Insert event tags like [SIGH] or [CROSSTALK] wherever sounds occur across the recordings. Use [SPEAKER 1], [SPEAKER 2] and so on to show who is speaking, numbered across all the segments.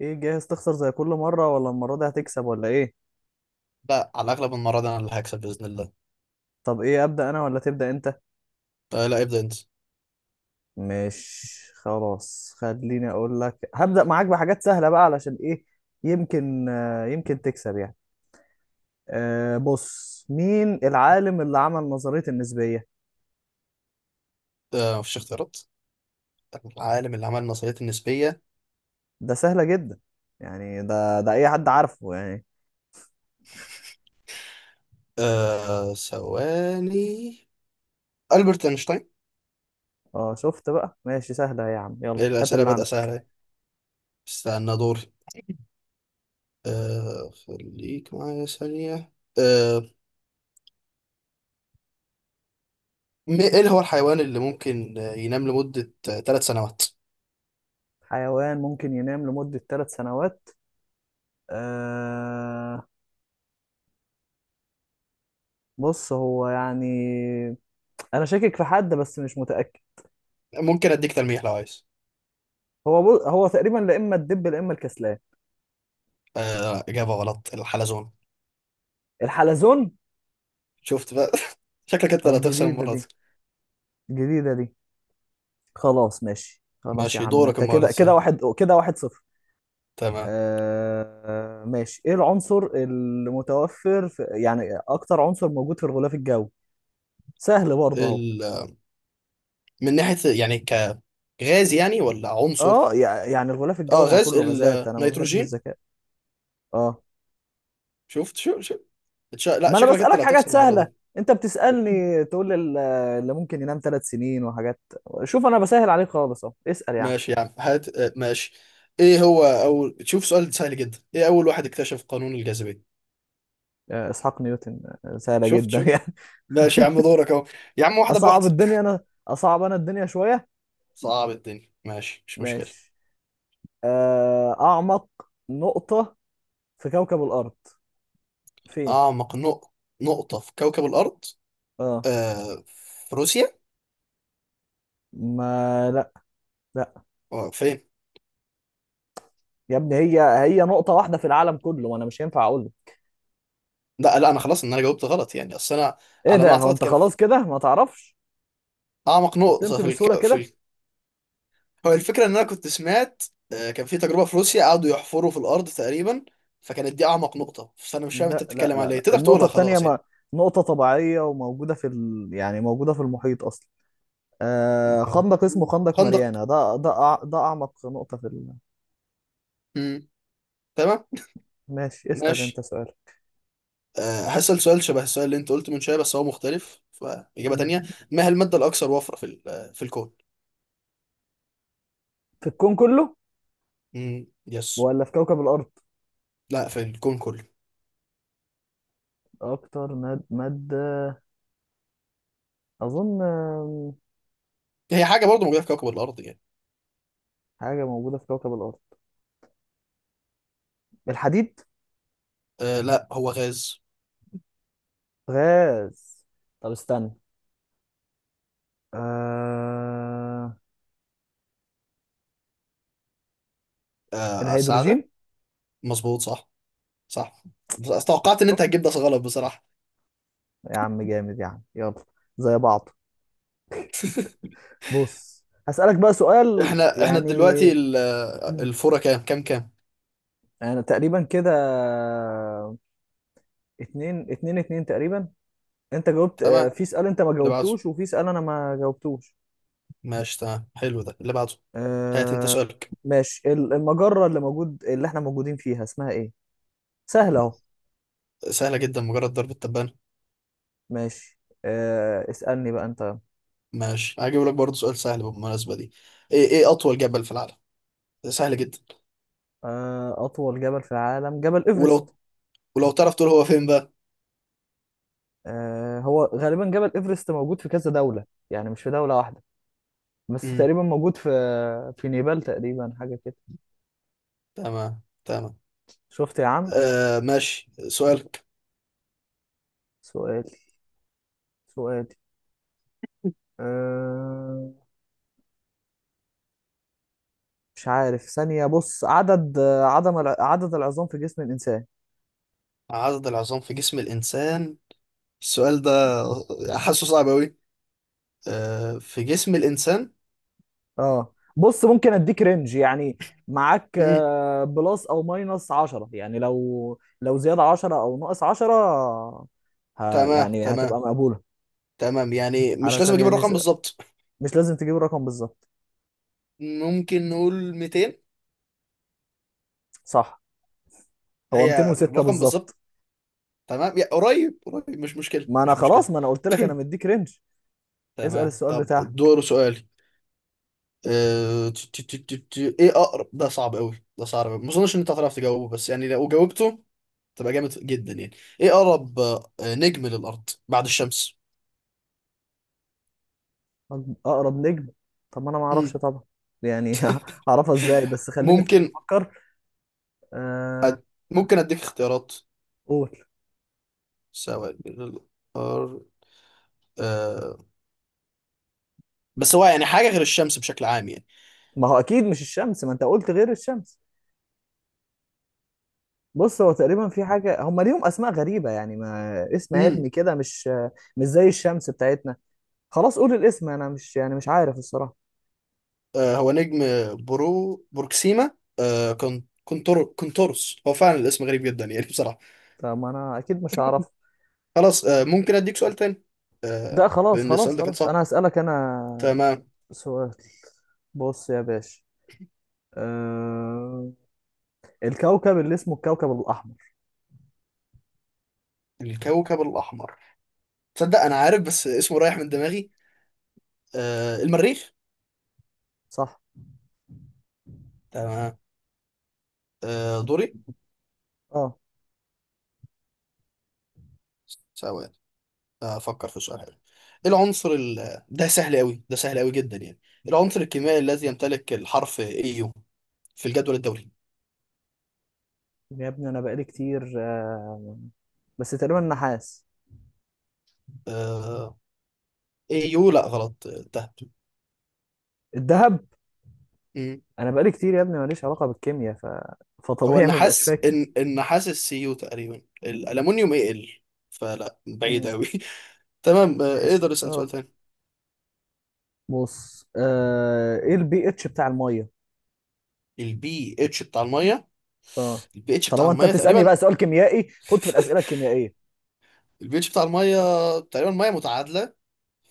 [SPEAKER 1] ايه، جاهز تخسر زي كل مرة، ولا المرة دي هتكسب ولا ايه؟
[SPEAKER 2] لا، على الاغلب المره دي انا اللي هكسب باذن الله.
[SPEAKER 1] طب ايه، ابدأ انا ولا تبدأ انت؟
[SPEAKER 2] لا، ابدا انت.
[SPEAKER 1] مش خلاص، خليني اقول لك. هبدأ معاك بحاجات سهلة بقى، علشان ايه؟ يمكن يمكن تكسب يعني. بص، مين العالم اللي عمل نظرية النسبية؟
[SPEAKER 2] آه، مفيش اختيارات. العالم اللي عمل النظريات النسبيه.
[SPEAKER 1] ده سهلة جدا، يعني ده اي حد عارفه يعني.
[SPEAKER 2] ثواني. البرت اينشتاين.
[SPEAKER 1] اه شفت بقى، ماشي سهلة يا عم، يلا
[SPEAKER 2] إيه،
[SPEAKER 1] هات
[SPEAKER 2] الاسئله
[SPEAKER 1] اللي
[SPEAKER 2] بدأ
[SPEAKER 1] عندك.
[SPEAKER 2] سهله أهي. استنى دوري. خليك معايا ثانيه. آه ايه هو الحيوان اللي ممكن ينام لمده 3 سنوات؟
[SPEAKER 1] حيوان ممكن ينام لمدة ثلاث سنوات. أه، بص هو يعني، انا شاكك في حد بس مش متاكد.
[SPEAKER 2] ممكن اديك تلميح لو عايز.
[SPEAKER 1] هو تقريبا لا اما الدب لا اما الكسلان.
[SPEAKER 2] اجابه غلط. الحلزون.
[SPEAKER 1] الحلزون؟
[SPEAKER 2] شفت بقى. [LAUGHS] شكلك انت اللي
[SPEAKER 1] طب
[SPEAKER 2] هتخسر
[SPEAKER 1] جديده
[SPEAKER 2] المره
[SPEAKER 1] دي،
[SPEAKER 2] دي.
[SPEAKER 1] جديده دي. خلاص ماشي، خلاص يا
[SPEAKER 2] ماشي،
[SPEAKER 1] عم،
[SPEAKER 2] دورك
[SPEAKER 1] انت
[SPEAKER 2] المره دي
[SPEAKER 1] كده كده
[SPEAKER 2] تسأل.
[SPEAKER 1] واحد، كده واحد صفر.
[SPEAKER 2] تمام.
[SPEAKER 1] ماشي، ايه العنصر يعني اكتر عنصر موجود في الغلاف الجوي؟ سهل برضه اهو.
[SPEAKER 2] ال... من ناحية يعني غاز يعني ولا عنصر؟
[SPEAKER 1] اه، يعني الغلاف
[SPEAKER 2] اه،
[SPEAKER 1] الجوي ما هو
[SPEAKER 2] غاز
[SPEAKER 1] كله غازات. انا ما بحبش
[SPEAKER 2] النيتروجين.
[SPEAKER 1] الذكاء. اه،
[SPEAKER 2] شفت، شو شو. لا،
[SPEAKER 1] ما انا
[SPEAKER 2] شكلك انت
[SPEAKER 1] بسألك
[SPEAKER 2] اللي
[SPEAKER 1] حاجات
[SPEAKER 2] هتخسر المره
[SPEAKER 1] سهلة.
[SPEAKER 2] دي.
[SPEAKER 1] انت بتسألني تقول لي اللي ممكن ينام ثلاث سنين وحاجات. شوف، انا بسهل عليك خالص اهو، اسأل يعني.
[SPEAKER 2] ماشي يا عم، هات. ماشي. ايه هو اول شوف سؤال سهل جدا. ايه اول واحد اكتشف قانون الجاذبيه؟
[SPEAKER 1] اسحاق نيوتن، سهلة
[SPEAKER 2] شفت،
[SPEAKER 1] جدا
[SPEAKER 2] شوف.
[SPEAKER 1] يعني.
[SPEAKER 2] ماشي يا عم،
[SPEAKER 1] [LAUGHS]
[SPEAKER 2] دورك اهو. يا عم، واحده
[SPEAKER 1] اصعب
[SPEAKER 2] بواحده.
[SPEAKER 1] الدنيا
[SPEAKER 2] [LAUGHS]
[SPEAKER 1] انا، اصعب انا الدنيا شوية.
[SPEAKER 2] صعب الدنيا ماشي، مش مشكله.
[SPEAKER 1] ماشي. اعمق نقطة في كوكب الارض، فين؟
[SPEAKER 2] اعمق نقطه في كوكب الارض.
[SPEAKER 1] اه،
[SPEAKER 2] في روسيا.
[SPEAKER 1] ما لا. لا.
[SPEAKER 2] فين؟
[SPEAKER 1] يا ابني، هي نقطة واحدة في العالم كله، وانا مش هينفع اقول.
[SPEAKER 2] لا لا، انا خلاص ان انا جاوبت غلط يعني. اصل انا
[SPEAKER 1] ايه
[SPEAKER 2] على ما
[SPEAKER 1] ده؟ هو
[SPEAKER 2] اعتقد
[SPEAKER 1] انت
[SPEAKER 2] كان في
[SPEAKER 1] خلاص كده ما تعرفش،
[SPEAKER 2] اعمق نقطه
[SPEAKER 1] استسلمت
[SPEAKER 2] في
[SPEAKER 1] بسهولة كده.
[SPEAKER 2] هو الفكرة إن أنا كنت سمعت. كان في تجربة في روسيا قعدوا يحفروا في الأرض تقريبا، فكانت دي أعمق نقطة. فأنا مش فاهم أنت
[SPEAKER 1] لا لا لا
[SPEAKER 2] بتتكلم على إيه،
[SPEAKER 1] لا،
[SPEAKER 2] تقدر
[SPEAKER 1] النقطة
[SPEAKER 2] تقولها
[SPEAKER 1] التانية،
[SPEAKER 2] خلاص
[SPEAKER 1] ما
[SPEAKER 2] يعني.
[SPEAKER 1] نقطة طبيعية وموجودة يعني موجودة في المحيط أصلا. آه،
[SPEAKER 2] أو
[SPEAKER 1] خندق، اسمه خندق
[SPEAKER 2] خندق.
[SPEAKER 1] ماريانا. ده ده أعمق نقطة.
[SPEAKER 2] مم. تمام.
[SPEAKER 1] ماشي، اسأل أنت
[SPEAKER 2] ماشي.
[SPEAKER 1] سؤال.
[SPEAKER 2] هسأل سؤال شبه السؤال اللي أنت قلته من شوية، بس هو مختلف فإجابة
[SPEAKER 1] مم.
[SPEAKER 2] تانية. ما هي المادة الأكثر وفرة في ال- آه، في الكون؟
[SPEAKER 1] في الكون كله
[SPEAKER 2] مم. يس.
[SPEAKER 1] ولا في كوكب الأرض؟
[SPEAKER 2] لا، في الكون كله.
[SPEAKER 1] أكتر مادة، أظن
[SPEAKER 2] هي حاجة برضه موجودة في كوكب الأرض يعني.
[SPEAKER 1] حاجة موجودة في كوكب الأرض. الحديد.
[SPEAKER 2] لا، هو غاز.
[SPEAKER 1] غاز. طب استنى. آه...
[SPEAKER 2] أساعدك.
[SPEAKER 1] الهيدروجين.
[SPEAKER 2] مظبوط، صح. صح. بس توقعت إن أنت
[SPEAKER 1] شفت
[SPEAKER 2] هتجيب ده غلط بصراحة.
[SPEAKER 1] يا عم، جامد يا عم يلا، زي بعض. بص هسألك بقى سؤال
[SPEAKER 2] احنا
[SPEAKER 1] يعني.
[SPEAKER 2] دلوقتي
[SPEAKER 1] مم.
[SPEAKER 2] الفورة كام؟
[SPEAKER 1] انا تقريبا كده اتنين اتنين اتنين تقريبا. انت جاوبت،
[SPEAKER 2] تمام.
[SPEAKER 1] في سؤال انت ما
[SPEAKER 2] اللي بعده.
[SPEAKER 1] جاوبتوش وفي سؤال انا ما جاوبتوش.
[SPEAKER 2] ماشي تمام، حلو، ده اللي بعده. هات انت
[SPEAKER 1] آه،
[SPEAKER 2] سؤالك.
[SPEAKER 1] ماشي، المجرة اللي احنا موجودين فيها اسمها ايه؟ سهلة اهو.
[SPEAKER 2] سهلة جدا، مجرد ضرب التبانة.
[SPEAKER 1] ماشي. اسألني بقى انت.
[SPEAKER 2] ماشي، هجيب لك برضه سؤال سهل بالمناسبة دي. ايه أطول جبل في العالم؟ سهل جدا.
[SPEAKER 1] اطول جبل في العالم، جبل
[SPEAKER 2] ولو،
[SPEAKER 1] ايفرست.
[SPEAKER 2] ولو تعرف تقول هو فين بقى.
[SPEAKER 1] هو غالبا جبل ايفرست موجود في كذا دولة، يعني مش في دولة واحدة. بس
[SPEAKER 2] امم.
[SPEAKER 1] تقريبا موجود في نيبال تقريبا، حاجة كده.
[SPEAKER 2] تمام تمام.
[SPEAKER 1] شفت يا عم.
[SPEAKER 2] ماشي، سؤالك.
[SPEAKER 1] سؤالي، سؤالي. أه... مش عارف ثانية. بص عدد عدد العظام في جسم الإنسان.
[SPEAKER 2] عدد العظام في جسم الإنسان. السؤال ده حاسه صعب أوي. في جسم الإنسان.
[SPEAKER 1] اه بص، ممكن اديك رينج يعني. معاك
[SPEAKER 2] امم.
[SPEAKER 1] بلس او ماينس 10، يعني لو زيادة 10 او ناقص 10.
[SPEAKER 2] تمام
[SPEAKER 1] يعني هتبقى
[SPEAKER 2] تمام.
[SPEAKER 1] مقبولة.
[SPEAKER 2] تمام، يعني مش لازم
[SPEAKER 1] علشان
[SPEAKER 2] أجيب
[SPEAKER 1] يعني
[SPEAKER 2] الرقم بالظبط.
[SPEAKER 1] مش لازم تجيب الرقم بالظبط.
[SPEAKER 2] ممكن نقول 200.
[SPEAKER 1] صح، هو
[SPEAKER 2] هي
[SPEAKER 1] 206
[SPEAKER 2] الرقم
[SPEAKER 1] بالظبط.
[SPEAKER 2] بالظبط. تمام، يا قريب قريب، مش مشكلة
[SPEAKER 1] ما انا
[SPEAKER 2] مش
[SPEAKER 1] خلاص،
[SPEAKER 2] مشكلة.
[SPEAKER 1] ما انا قلت
[SPEAKER 2] [COUGHS]
[SPEAKER 1] لك
[SPEAKER 2] [CLEARS THROAT]
[SPEAKER 1] انا مديك رينج. اسأل
[SPEAKER 2] تمام،
[SPEAKER 1] السؤال
[SPEAKER 2] طب
[SPEAKER 1] بتاعك.
[SPEAKER 2] دور سؤالي. أه... ت- ت- ت- ت- ت- ايه اقرب، ده صعب قوي، ده صعب قوي، ما اظنش ان انت هتعرف تجاوبه، بس يعني لو جاوبته تبقى جامد جدا يعني. ايه اقرب نجم للارض بعد الشمس؟
[SPEAKER 1] طب اقرب نجم، طب ما انا ما
[SPEAKER 2] مم.
[SPEAKER 1] اعرفش طبعا يعني. [LAUGHS] اعرفها ازاي؟ بس خليني ثاني
[SPEAKER 2] ممكن.
[SPEAKER 1] افكر. آه.
[SPEAKER 2] أد... ممكن اديك اختيارات،
[SPEAKER 1] قول.
[SPEAKER 2] سواء للأرض. أه... بس هو يعني حاجة غير الشمس بشكل عام
[SPEAKER 1] ما هو اكيد مش الشمس، ما انت قلت غير الشمس. بص هو تقريبا في حاجه، هم ليهم اسماء غريبه يعني، ما اسم
[SPEAKER 2] يعني.
[SPEAKER 1] علمي كده، مش زي الشمس بتاعتنا. خلاص قول الاسم، انا مش يعني مش عارف الصراحه.
[SPEAKER 2] هو نجم بروكسيما. كونتورس. هو فعلا الاسم غريب جدا يعني. [LAUGHS] بصراحة.
[SPEAKER 1] طب ما انا اكيد مش هعرف.
[SPEAKER 2] خلاص، ممكن اديك سؤال تاني.
[SPEAKER 1] ده خلاص
[SPEAKER 2] لان
[SPEAKER 1] خلاص
[SPEAKER 2] السؤال ده كان
[SPEAKER 1] خلاص،
[SPEAKER 2] صعب.
[SPEAKER 1] انا هسألك انا
[SPEAKER 2] تمام.
[SPEAKER 1] سؤال. بص يا باشا، آه الكوكب اللي اسمه الكوكب الاحمر.
[SPEAKER 2] الكوكب الاحمر. تصدق انا عارف بس اسمه رايح من دماغي. المريخ.
[SPEAKER 1] صح.
[SPEAKER 2] تمام. دوري.
[SPEAKER 1] اه
[SPEAKER 2] ثواني، افكر في سؤال حلو. ايه العنصر ده سهل قوي، ده سهل قوي جدا يعني. إيه العنصر الكيميائي الذي يمتلك الحرف AU في الجدول الدوري؟
[SPEAKER 1] يا ابني، انا بقالي كتير، بس تقريبا نحاس.
[SPEAKER 2] آه، AU لا، غلط. تهت.
[SPEAKER 1] الذهب. انا بقالي كتير يا ابني، ماليش علاقه بالكيمياء،
[SPEAKER 2] هو
[SPEAKER 1] فطبيعي ما بقاش
[SPEAKER 2] النحاس.
[SPEAKER 1] فاكر.
[SPEAKER 2] إن النحاس السيو تقريبا الألمونيوم يقل. فلا، بعيد
[SPEAKER 1] مم.
[SPEAKER 2] أوي. [LAUGHS] تمام.
[SPEAKER 1] ماشي
[SPEAKER 2] اقدر اسأل سؤال
[SPEAKER 1] اه.
[SPEAKER 2] تاني.
[SPEAKER 1] بص ايه البي اتش بتاع الميه؟
[SPEAKER 2] البي اتش بتاع المية.
[SPEAKER 1] اه،
[SPEAKER 2] البي اتش بتاع
[SPEAKER 1] طالما انت
[SPEAKER 2] المية
[SPEAKER 1] بتسالني
[SPEAKER 2] تقريبا.
[SPEAKER 1] بقى سؤال كيميائي، خد في الاسئله الكيميائيه.
[SPEAKER 2] البي اتش بتاع المية تقريبا مية متعادلة،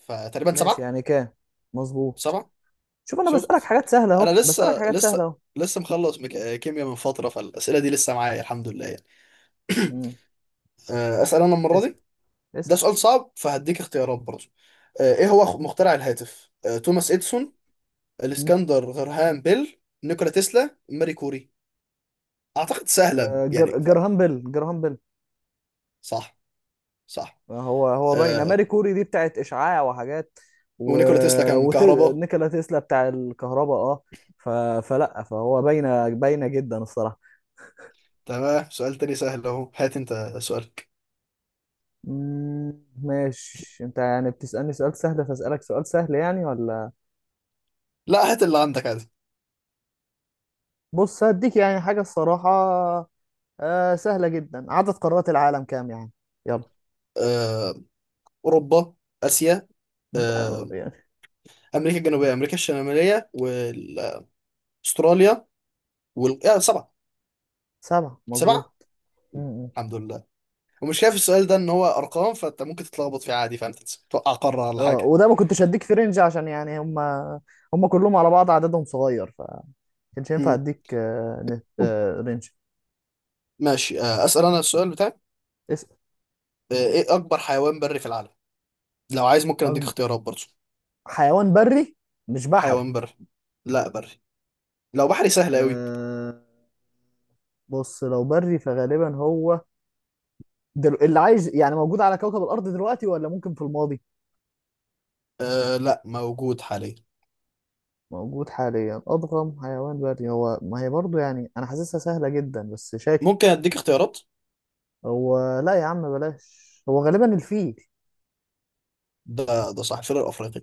[SPEAKER 2] فتقريبا
[SPEAKER 1] ماشي،
[SPEAKER 2] سبعة.
[SPEAKER 1] يعني كام؟ مظبوط.
[SPEAKER 2] سبعة.
[SPEAKER 1] شوف انا بسالك
[SPEAKER 2] شفت.
[SPEAKER 1] حاجات سهله اهو،
[SPEAKER 2] أنا
[SPEAKER 1] بسالك حاجات سهله اهو.
[SPEAKER 2] لسه مخلص مك... آه، كيمياء من فترة، فالأسئلة دي لسه معايا الحمد لله يعني. [CLEARS THROAT]
[SPEAKER 1] مم.
[SPEAKER 2] أسأل أنا المرة
[SPEAKER 1] اسال،
[SPEAKER 2] دي. ده
[SPEAKER 1] اسال.
[SPEAKER 2] سؤال صعب فهديك اختيارات برضه. إيه هو مخترع الهاتف؟ توماس إديسون،
[SPEAKER 1] مم.
[SPEAKER 2] الاسكندر غرهام بيل، نيكولا تسلا، ماري كوري. اعتقد سهله يعني ف...
[SPEAKER 1] جرهام بيل، جرهام بيل.
[SPEAKER 2] صح. صح.
[SPEAKER 1] هو باينه
[SPEAKER 2] آه
[SPEAKER 1] ماري كوري دي بتاعت اشعاع وحاجات، و...
[SPEAKER 2] ونيكولا تسلا كان
[SPEAKER 1] وت...
[SPEAKER 2] كهرباء.
[SPEAKER 1] نيكولا تسلا بتاع الكهرباء اه. ف... فلا، فهو باينه باينه جدا الصراحه.
[SPEAKER 2] تمام، سؤال تاني سهل اهو. هات انت سؤالك.
[SPEAKER 1] ماشي، انت يعني بتسالني سؤال سهل، فاسالك سؤال سهل يعني ولا؟
[SPEAKER 2] لا، هات اللي عندك عادي.
[SPEAKER 1] بص هديك يعني حاجه الصراحه، سهله جدا. عدد قارات العالم كام يعني؟ يلا.
[SPEAKER 2] آه. اوروبا، اسيا،
[SPEAKER 1] ده
[SPEAKER 2] آه،
[SPEAKER 1] يعني.
[SPEAKER 2] امريكا الجنوبيه، امريكا الشماليه، واستراليا، وال... آه سبعه.
[SPEAKER 1] سبعه، مظبوط.
[SPEAKER 2] سبعه.
[SPEAKER 1] مم.
[SPEAKER 2] الحمد لله. ومش شايف السؤال ده ان هو ارقام، فانت ممكن تتلخبط فيه عادي. فانت توقع قاره ولا
[SPEAKER 1] اه،
[SPEAKER 2] حاجه.
[SPEAKER 1] وده ما كنتش هديك في رينج، عشان يعني هم كلهم على بعض عددهم صغير. كانش ينفع
[SPEAKER 2] مم.
[SPEAKER 1] اديك آه، نت آه، رينج.
[SPEAKER 2] ماشي، اسال انا السؤال بتاعي.
[SPEAKER 1] اسأل.
[SPEAKER 2] ايه اكبر حيوان بري في العالم؟ لو عايز ممكن اديك
[SPEAKER 1] أكب-
[SPEAKER 2] اختيارات برضه.
[SPEAKER 1] حيوان بري مش بحري؟
[SPEAKER 2] حيوان بري. لا، بري. لو بحري سهل قوي.
[SPEAKER 1] أه بص، لو بري فغالبا هو، اللي عايش يعني موجود على كوكب الأرض دلوقتي ولا ممكن في الماضي.
[SPEAKER 2] أه، لا، موجود حاليا.
[SPEAKER 1] موجود حاليا، أضخم حيوان بري هو، ما هي برضو يعني، أنا حاسسها سهلة جدا بس
[SPEAKER 2] ممكن
[SPEAKER 1] شاكك.
[SPEAKER 2] اديك اختيارات.
[SPEAKER 1] هو لا يا عم بلاش، هو غالبا الفيل.
[SPEAKER 2] ده ده صح، الفيلر الافريقي.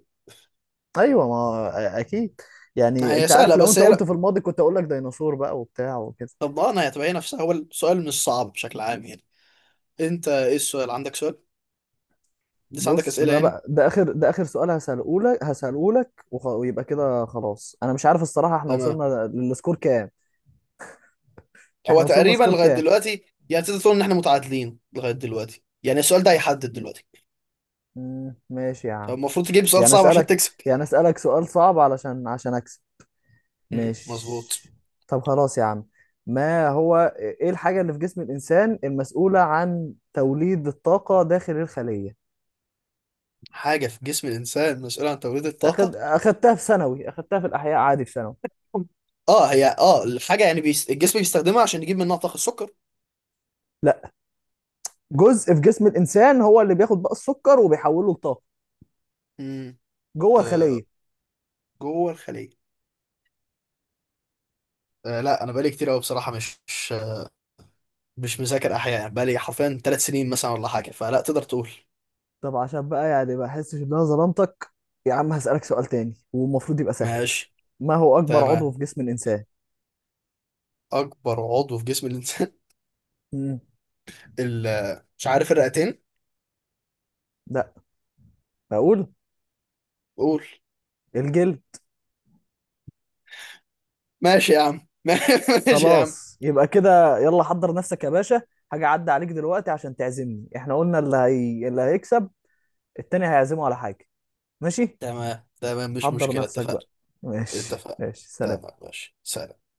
[SPEAKER 1] أيوة، ما أكيد. يعني
[SPEAKER 2] هي
[SPEAKER 1] أنت عارف،
[SPEAKER 2] سهله،
[SPEAKER 1] لو
[SPEAKER 2] بس
[SPEAKER 1] أنت
[SPEAKER 2] هي
[SPEAKER 1] قلت
[SPEAKER 2] لا.
[SPEAKER 1] في الماضي كنت أقول لك ديناصور بقى وبتاع وكده.
[SPEAKER 2] طب ما انا هتبين نفسها، هو السؤال مش صعب بشكل عام يعني. انت ايه السؤال عندك؟ سؤال لسه عندك
[SPEAKER 1] بص،
[SPEAKER 2] اسئله
[SPEAKER 1] ده
[SPEAKER 2] يعني.
[SPEAKER 1] بقى ده اخر سؤال هساله لك، ويبقى كده خلاص. انا مش عارف الصراحه، احنا
[SPEAKER 2] تمام.
[SPEAKER 1] وصلنا للسكور كام؟
[SPEAKER 2] هو
[SPEAKER 1] احنا وصلنا
[SPEAKER 2] تقريبا
[SPEAKER 1] سكور
[SPEAKER 2] لغايه
[SPEAKER 1] كام؟
[SPEAKER 2] دلوقتي يعني تقدر تقول ان احنا متعادلين لغايه دلوقتي يعني. السؤال ده هيحدد دلوقتي.
[SPEAKER 1] ماشي يا عم.
[SPEAKER 2] فالمفروض تجيب سؤال
[SPEAKER 1] يعني
[SPEAKER 2] صعب عشان
[SPEAKER 1] اسالك
[SPEAKER 2] تكسب.
[SPEAKER 1] يعني اسالك سؤال صعب، علشان اكسب.
[SPEAKER 2] مم، مظبوط.
[SPEAKER 1] ماشي. طب خلاص يا عم، ما هو ايه الحاجه اللي في جسم الانسان المسؤوله عن توليد الطاقه داخل الخليه؟
[SPEAKER 2] حاجة في جسم الإنسان مسؤولة عن توليد الطاقة.
[SPEAKER 1] اخدتها في ثانوي، اخدتها في الاحياء عادي في ثانوي.
[SPEAKER 2] اه، هي الحاجه، يعني الجسم بيستخدمها عشان يجيب منها طاقه، السكر.
[SPEAKER 1] لا، جزء في جسم الانسان هو اللي بياخد بقى السكر وبيحوله لطاقه،
[SPEAKER 2] امم.
[SPEAKER 1] جوه
[SPEAKER 2] آه
[SPEAKER 1] الخليه.
[SPEAKER 2] جوه الخليه. لا، انا بقالي كتير قوي بصراحه، مش مذاكر احياء يعني. بقالي حرفيا 3 سنين مثلا ولا حاجه، فلا تقدر تقول.
[SPEAKER 1] طب عشان بقى يعني ما احسش ان انا ظلمتك، يا عم هسألك سؤال تاني والمفروض يبقى سهل.
[SPEAKER 2] ماشي
[SPEAKER 1] ما هو اكبر عضو
[SPEAKER 2] تمام.
[SPEAKER 1] في جسم الانسان؟
[SPEAKER 2] اكبر عضو في جسم الانسان.
[SPEAKER 1] مم.
[SPEAKER 2] [LAUGHS] مش عارف، الرئتين.
[SPEAKER 1] لا، اقول.
[SPEAKER 2] قول.
[SPEAKER 1] الجلد.
[SPEAKER 2] ماشي يا عم. [LAUGHS] ماشي يا عم.
[SPEAKER 1] خلاص يبقى كده، يلا حضر نفسك يا باشا، حاجة عدى عليك دلوقتي عشان تعزمني. احنا قلنا اللي هيكسب التاني هيعزمه على حاجة. ماشي.
[SPEAKER 2] تمام تمام، مش
[SPEAKER 1] حضر
[SPEAKER 2] مشكله،
[SPEAKER 1] نفسك
[SPEAKER 2] اتفقنا.
[SPEAKER 1] بقى. ماشي
[SPEAKER 2] اتفقنا.
[SPEAKER 1] ماشي،
[SPEAKER 2] تمام،
[SPEAKER 1] سلام.
[SPEAKER 2] ماشي، سلام.